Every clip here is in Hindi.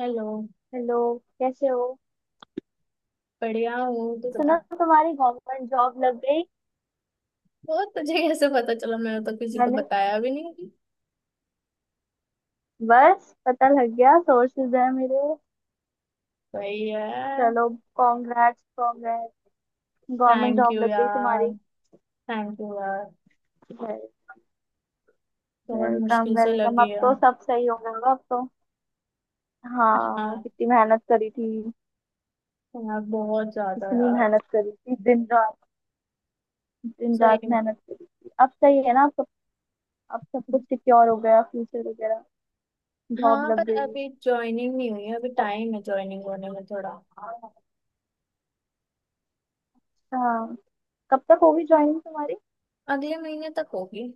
हेलो। हेलो। कैसे हो? बढ़िया हूँ, तू सुना बता। तुम्हारी गवर्नमेंट जॉब लग गई। वो तुझे कैसे पता चला? मैंने तो किसी को मैंने बताया भी नहीं। बस पता लग गया, सोर्सेज है मेरे। सही है। चलो, congrats congrats. Government thank you job लग गई यार। तुम्हारी। थैंक यू यार। बहुत वेलकम मुश्किल से वेलकम, लगी अब तो है। सब सही हो गया होगा अब तो। हाँ, हाँ, कितनी मेहनत करी थी, यार बहुत ज्यादा कितनी यार। मेहनत करी थी, दिन रात, दिन रात सही में। मेहनत करी थी। अब सही है ना अब सब कुछ सिक्योर हो गया, फ्यूचर वगैरह जॉब हाँ, लग पर गई। अभी ज्वाइनिंग नहीं हुई है, अभी तो, टाइम है ज्वाइनिंग होने में थोड़ा। हाँ, कब तक होगी ज्वाइनिंग तुम्हारी? अगले महीने तक होगी।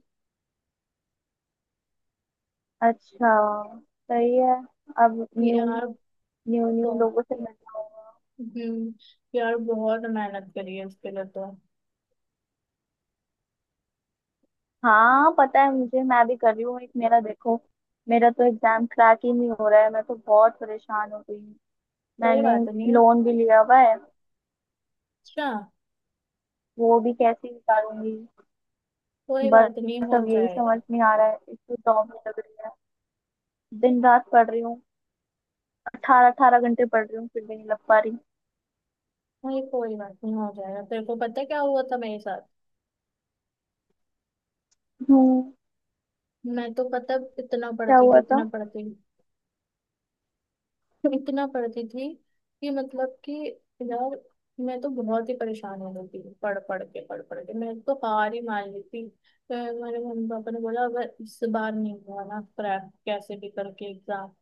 अच्छा, सही है। अब न्यू यार न्यू न्यू बहुत। लोगों से मिलना होगा। हम्म, यार बहुत मेहनत करी है इसके लिए तो। हाँ पता है मुझे, मैं भी कर रही हूँ। एक मेरा देखो, मेरा तो एग्जाम क्रैक ही नहीं हो रहा है, मैं तो बहुत परेशान हो गई हूँ। कोई मैंने बात नहीं। लोन भी लिया हुआ है, अच्छा, वो भी कैसे निकालूंगी। कोई बात नहीं, बस हो अब यही समझ जाएगा। नहीं आ रहा है, एक तो जॉब नहीं लग रही है। दिन रात पढ़ रही हूँ, 18-18 घंटे पढ़ रही हूँ, फिर भी नहीं लग पा रही नहीं, कोई बात नहीं, हो जाएगा। तेरे को पता है क्या हुआ था मेरे साथ? हूँ। मैं तो, पता है, इतना क्या पढ़ती थी, हुआ था? इतना पढ़ती थी। इतना पढ़ती थी कि मतलब कि यार, मैं तो बहुत ही परेशान हो गई थी, पढ़ पढ़ के, पढ़ पढ़ के, मैं तो हार ही मान ली थी। तो मेरे मम्मी पापा ने बोला, अगर इस बार नहीं हुआ ना क्रैक, कैसे भी करके एग्जाम,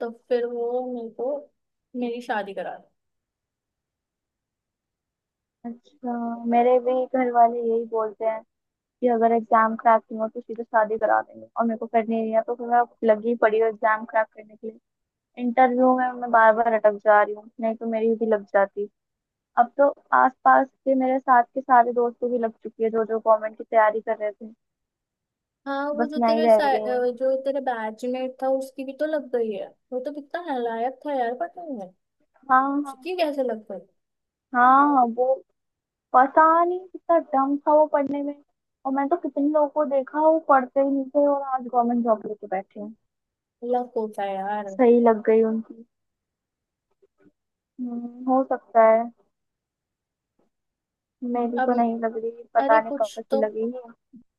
तो फिर वो मेरे को, मेरी शादी करा दी। अच्छा, मेरे भी घर वाले यही बोलते हैं कि अगर एग्जाम क्रैक नहीं हो तो सीधे शादी करा देंगे, और मेरे को करनी नहीं है, तो फिर मैं लगी पड़ी हूँ एग्जाम क्रैक करने के लिए। इंटरव्यू में मैं बार बार अटक जा रही हूँ, नहीं तो मेरी भी लग जाती। अब तो आसपास के मेरे साथ के सारे दोस्तों की लग चुकी है, जो जो गवर्नमेंट की तैयारी कर रहे थे। हाँ, वो बस जो मैं ही तेरे रह गई हूँ। जो तेरे बैचमेट था उसकी भी तो लग गई है। वो तो कितना नालायक था यार, पता है। हाँ हाँ। उसकी कैसे लग गई? हाँ वो, पता नहीं कितना डम था वो पढ़ने में। और मैंने तो कितने लोगों को देखा, वो पढ़ते ही नहीं थे और आज गवर्नमेंट जॉब लेके बैठे हैं। लग होता है यार। सही लग गई उनकी। हो सकता है। मेरी अब, तो नहीं लग रही, अरे पता नहीं कब कुछ तक की तो लगेगी।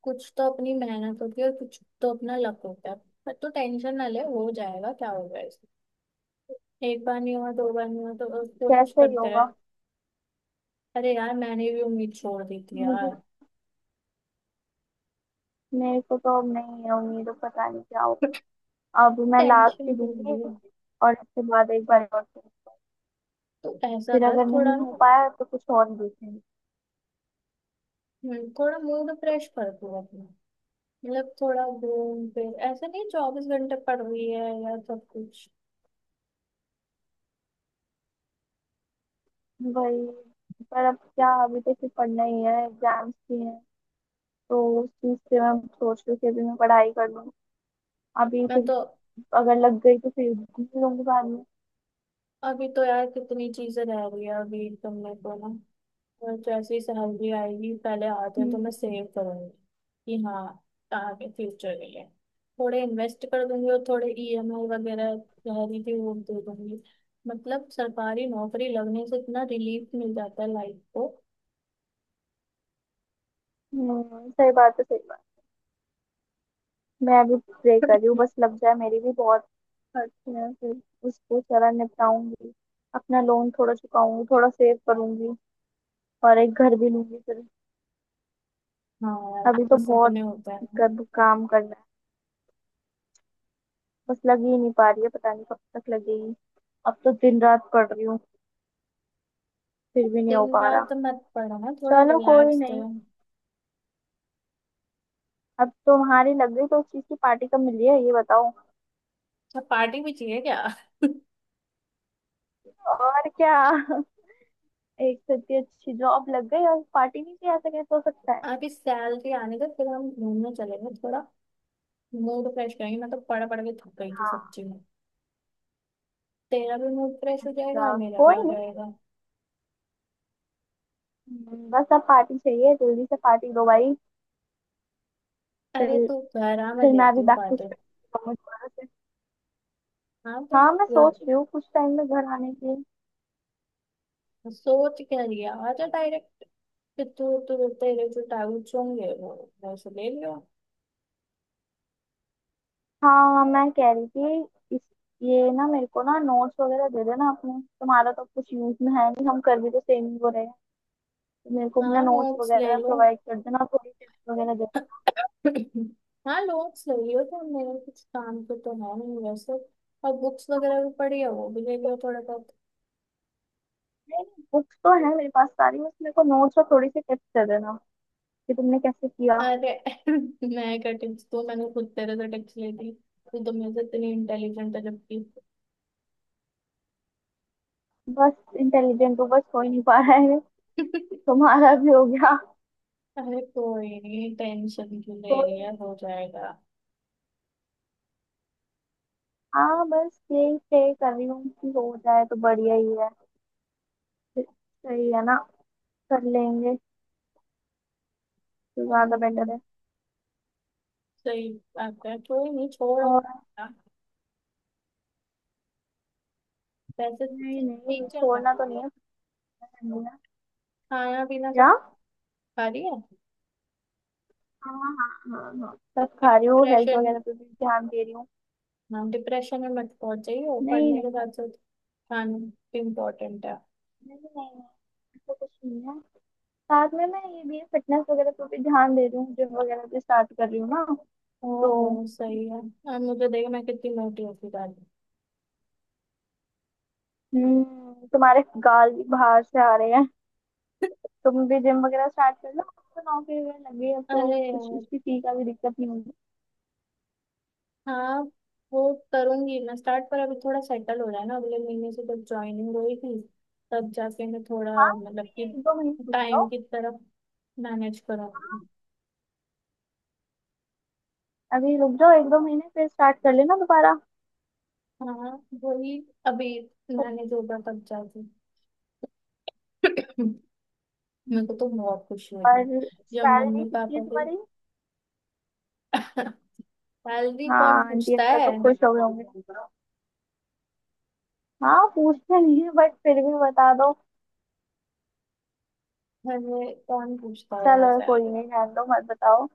कुछ तो अपनी मेहनत होती है और कुछ तो अपना लक होता है। पर तो टेंशन ना ले, हो जाएगा क्या होगा इसमें। एक बार नहीं हुआ, दो बार नहीं हुआ तो कोशिश कैसे ही करते रहे। होगा। अरे यार, मैंने भी उम्मीद छोड़ दी थी मुझे यार। मेरे को तो अब नहीं है उम्मीद, अब पता नहीं क्या होगा। अब मैं लास्ट ही टेंशन क्यों दूंगी, ली? और इसके बाद एक बार और देखूंगी। तो ऐसा फिर कर अगर थोड़ा नहीं हो ना, पाया तो कुछ और देखेंगे। थोड़ा मूड फ्रेश कर तू अपना। मतलब थोड़ा घूम फिर, ऐसा नहीं चौबीस घंटे पड़ रही है या सब कुछ। वही, पर अब क्या, अभी तो सिर्फ पढ़ना ही है, एग्जाम्स भी हैं, तो उस चीज से मैं सोच रही हूँ कि अभी मैं पढ़ाई कर लूँ अभी। मैं फिर तो अगर लग गई तो फिर घूम लूंगी बाद में। अभी तो यार कितनी चीजें रह रही है अभी तुमने तो ना। और जैसे ही सैलरी आएगी, पहले आते हैं हम्म तो मैं सेव करूंगी कि हाँ, आगे फ्यूचर के लिए थोड़े इन्वेस्ट कर दूंगी और थोड़े ईएमआई वगैरह रह रही थी वो दे दूंगी। मतलब सरकारी नौकरी लगने से इतना रिलीफ मिल जाता है लाइफ को। सही बात है, सही बात। मैं अभी प्रे कर रही हूँ, बस लग जाए मेरी भी। बहुत करती हूँ फिर, उसको जरा निपटाऊंगी, अपना लोन थोड़ा चुकाऊंगी, थोड़ा सेव करूंगी, और एक घर भी लूंगी फिर। हाँ यार, अभी तो कुछ बहुत सपने होते हैं। काम करना है। बस लग ही नहीं पा रही है, पता नहीं कब तक लगेगी। अब तो दिन रात पढ़ रही हूँ, फिर भी नहीं हो दिन पा रात रहा। मत पढ़ो ना, थोड़ा चलो कोई रिलैक्स नहीं, रहो। अब तुम्हारी लग गई तो उस चीज की पार्टी कब मिली है ये बताओ। अच्छा, पार्टी भी चाहिए क्या? और क्या एक से इतनी अच्छी जॉब लग गई और पार्टी नहीं की, ऐसा कैसे हो सकता है? अभी सैलरी आने का, फिर हम घूमने चलेंगे थोड़ा, मूड फ्रेश करेंगे। मैं तो पढ़ पढ़ के थक गई थी हाँ। सच्ची में। तेरा भी मूड फ्रेश हो जाएगा और अच्छा, मेरा भी कोई हो नहीं। जाएगा। बस अब पार्टी चाहिए, जल्दी से पार्टी दो भाई अरे फिर। तू घर आ, मैं फिर मैं देती अभी हूँ बैक टू बातें। स्टडी दोबारा से। हाँ तो हाँ मैं सोच रही हूँ कुछ टाइम में घर आने की। सोच क्या लिया, आ जा डायरेक्ट। कि तू तू तेरे जो डाउट्स होंगे वो से ले लियो। हाँ मैं कह रही थी इस, ये ना मेरे को ना नोट्स वगैरह दे देना अपने, तुम्हारा तो कुछ यूज में है नहीं, हम कर भी तो सेम ही हो रहे हैं, तो मेरे को अपना हाँ, नोट्स नोट्स ले वगैरह लो। प्रोवाइड कर देना, थोड़ी टिप्स वगैरह दे हाँ, नोट्स ले लियो, तो मेरे कुछ काम के तो है नहीं वैसे। और बुक्स वगैरह भी पड़ी है वो भी ले लियो थोड़ा बहुत। देना। नहीं, बुक्स तो है मेरे पास सारी, बस मेरे को नोट्स और थोड़ी सी टिप्स दे देना कि तुमने कैसे किया। अरे मैं क्या टिप्स, तो मैंने खुद तेरे से टिप्स ली थी, तू तो मेरे से इतनी इंटेलिजेंट है जबकि। बस, इंटेलिजेंट हो, बस हो ही नहीं पा रहा है। तुम्हारा भी हो गया अरे कोई नहीं, टेंशन क्यों तो। ले रही है, हो जाएगा। हाँ बस यही प्रे कर रही हूँ कि हो जाए तो बढ़िया ही है, सही है ना? कर लेंगे तो ज्यादा हम्म, बेटर है। सही बात है, कोई नहीं, छोड़ो। और हाँ, वैसे तो सब नहीं ठीक नहीं, चल रहा है। छोड़ना तो नहीं है, पता करनी है। खाना पीना सब क्या? खा रही है? हाँ हाँ हाँ हाँ, सब खा रही हूँ, हेल्थ डिप्रेशन, वगैरह पे भी ध्यान दे रही हूँ। हाँ डिप्रेशन में मत पहुंच जाइए नहीं पढ़ने नहीं के साथ साथ, खाना भी इम्पोर्टेंट है। नहीं नहीं नहीं, ऐसा कुछ नहीं है। साथ में मैं ये भी फिटनेस वगैरह पे भी ध्यान दे रही हूँ, जिम वगैरह भी स्टार्ट कर रही हूँ ना तो। ओहो, सही है। अब मुझे देख, मैं कितनी मोटी होती जा रही हूँ। हम्म, तुम्हारे गाल भी बाहर से आ रहे हैं, तुम भी जिम वगैरह स्टार्ट कर लो। तो नौकरी वगैरह लग गई अब तो अरे कुछ यार, उसकी फी का भी दिक्कत नहीं होगी। हाँ वो करूंगी मैं स्टार्ट, पर अभी थोड़ा सेटल हो जाए ना, अगले महीने से जब ज्वाइनिंग हुई थी तब जाके मैं थोड़ा हाँ, मतलब अभी कि एक दो महीने रुक टाइम जाओ। की तरफ मैनेज हाँ, करूंगी। अभी रुक जाओ एक दो महीने, फिर स्टार्ट कर लेना दोबारा। हाँ, वही, अभी सब। मैनेज होगा तब जाके। मेरे को हम्म, तो बहुत खुशी हुई है और जब सैलरी मम्मी कितनी है पापा को। तुम्हारी? सैलरी कौन हाँ, आंटी पूछता अंकल है? तो खुश हो गए होंगे। हाँ पूछते नहीं है बट फिर भी बता दो। मैंने, कौन पूछता है यार चलो कोई सैलरी। नहीं, जान दो, मत बताओ।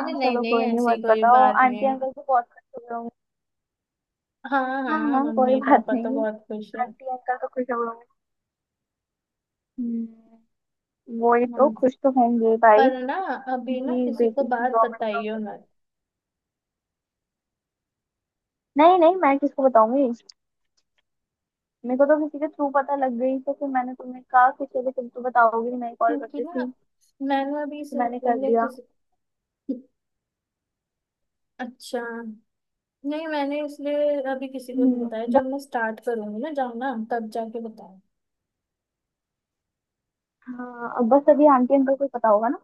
नहीं नहीं चलो नहीं, कोई नहीं, ऐसी मत कोई बताओ। बात नहीं आंटी है। अंकल तो बहुत खुश हो गए होंगे। हाँ हाँ हाँ, हाँ कोई मम्मी बात पापा तो नहीं, बहुत खुश आंटी अंकल तो खुश हो गए होंगे। हम्म, वही है। तो, खुश तो होंगे भाई पर ना, अभी ना कि किसी को बेटी की बात गवर्नमेंट बताइयो जॉब। मत। नहीं नहीं मैं किसको बताऊंगी, मेरे को तो किसी के थ्रू पता लग गई, तो फिर मैंने तुम्हें कहा कि चलो तुम तो बताओगी, मैं कॉल कर क्योंकि देती ना, हूँ मैंने अभी तो मैंने कर इसलिए दिया। किसी, अच्छा नहीं, मैंने इसलिए अभी किसी को नहीं हम्म। बताया, बस, जब मैं स्टार्ट करूंगी ना जाना तब जाके बताऊँ। हाँ अब बस अभी आंटी अंकल को ही पता होगा ना।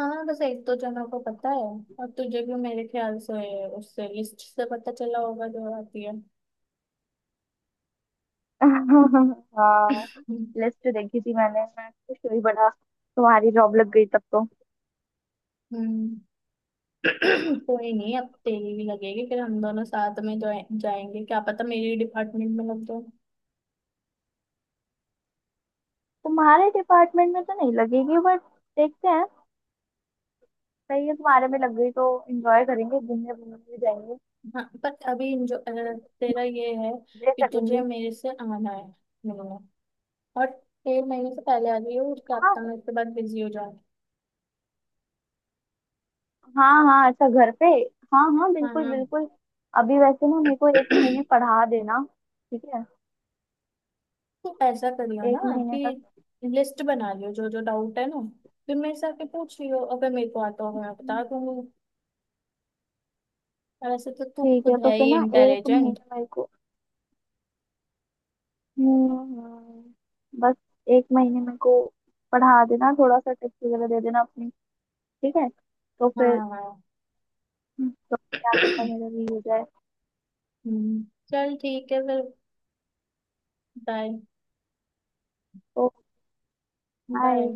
हाँ, बस एक दो जनों को पता है, और तुझे भी मेरे ख्याल से उससे लिस्ट से पता चला होगा जो आती है। हाँ, लिस्ट देखी थी मैंने, मैं खुश हुई बड़ा तुम्हारी जॉब लग गई तब तो। हम्म, कोई नहीं, अब तेरी भी लगेगी, फिर हम दोनों साथ में जाएंगे। क्या पता मेरी डिपार्टमेंट में लग जाए। तुम्हारे डिपार्टमेंट में तो नहीं लगेगी बट देखते हैं, सही है तुम्हारे में लग गई तो एंजॉय करेंगे, घूमने घूमने भी जाएंगे, हाँ पर अभी जो तेरा ये है मजे कि तुझे करेंगे। मेरे से आना है, मिलना, और 1.5 महीने से पहले आ गई हो, उसके हफ्ता हाँ में उसके बाद बिजी हो जाए। हाँ हाँ, अच्छा घर पे, हाँ हाँ बिल्कुल हाँ बिल्कुल। अभी वैसे ना मेरे को एक तो महीने पढ़ा देना। ठीक है, ऐसा करियो ना एक महीने कि तक। लिस्ट बना लियो जो जो डाउट है ना, फिर मेरे से आके पूछ लियो, अगर मेरे को आता होगा मैं बता हम्म। दूंगी। वैसे तो तू ठीक है खुद तो है फिर ही ना एक महीने इंटेलिजेंट। मेरे को, हम्म हम्म, बस एक महीने मेरे को पढ़ा देना, थोड़ा सा टिप्स वगैरह दे देना अपनी। ठीक है तो हाँ फिर। हाँ, तो क्या पता मेरा भी हो जाए हम्म, चल ठीक है फिर। बाय। तो। बाय। बाय।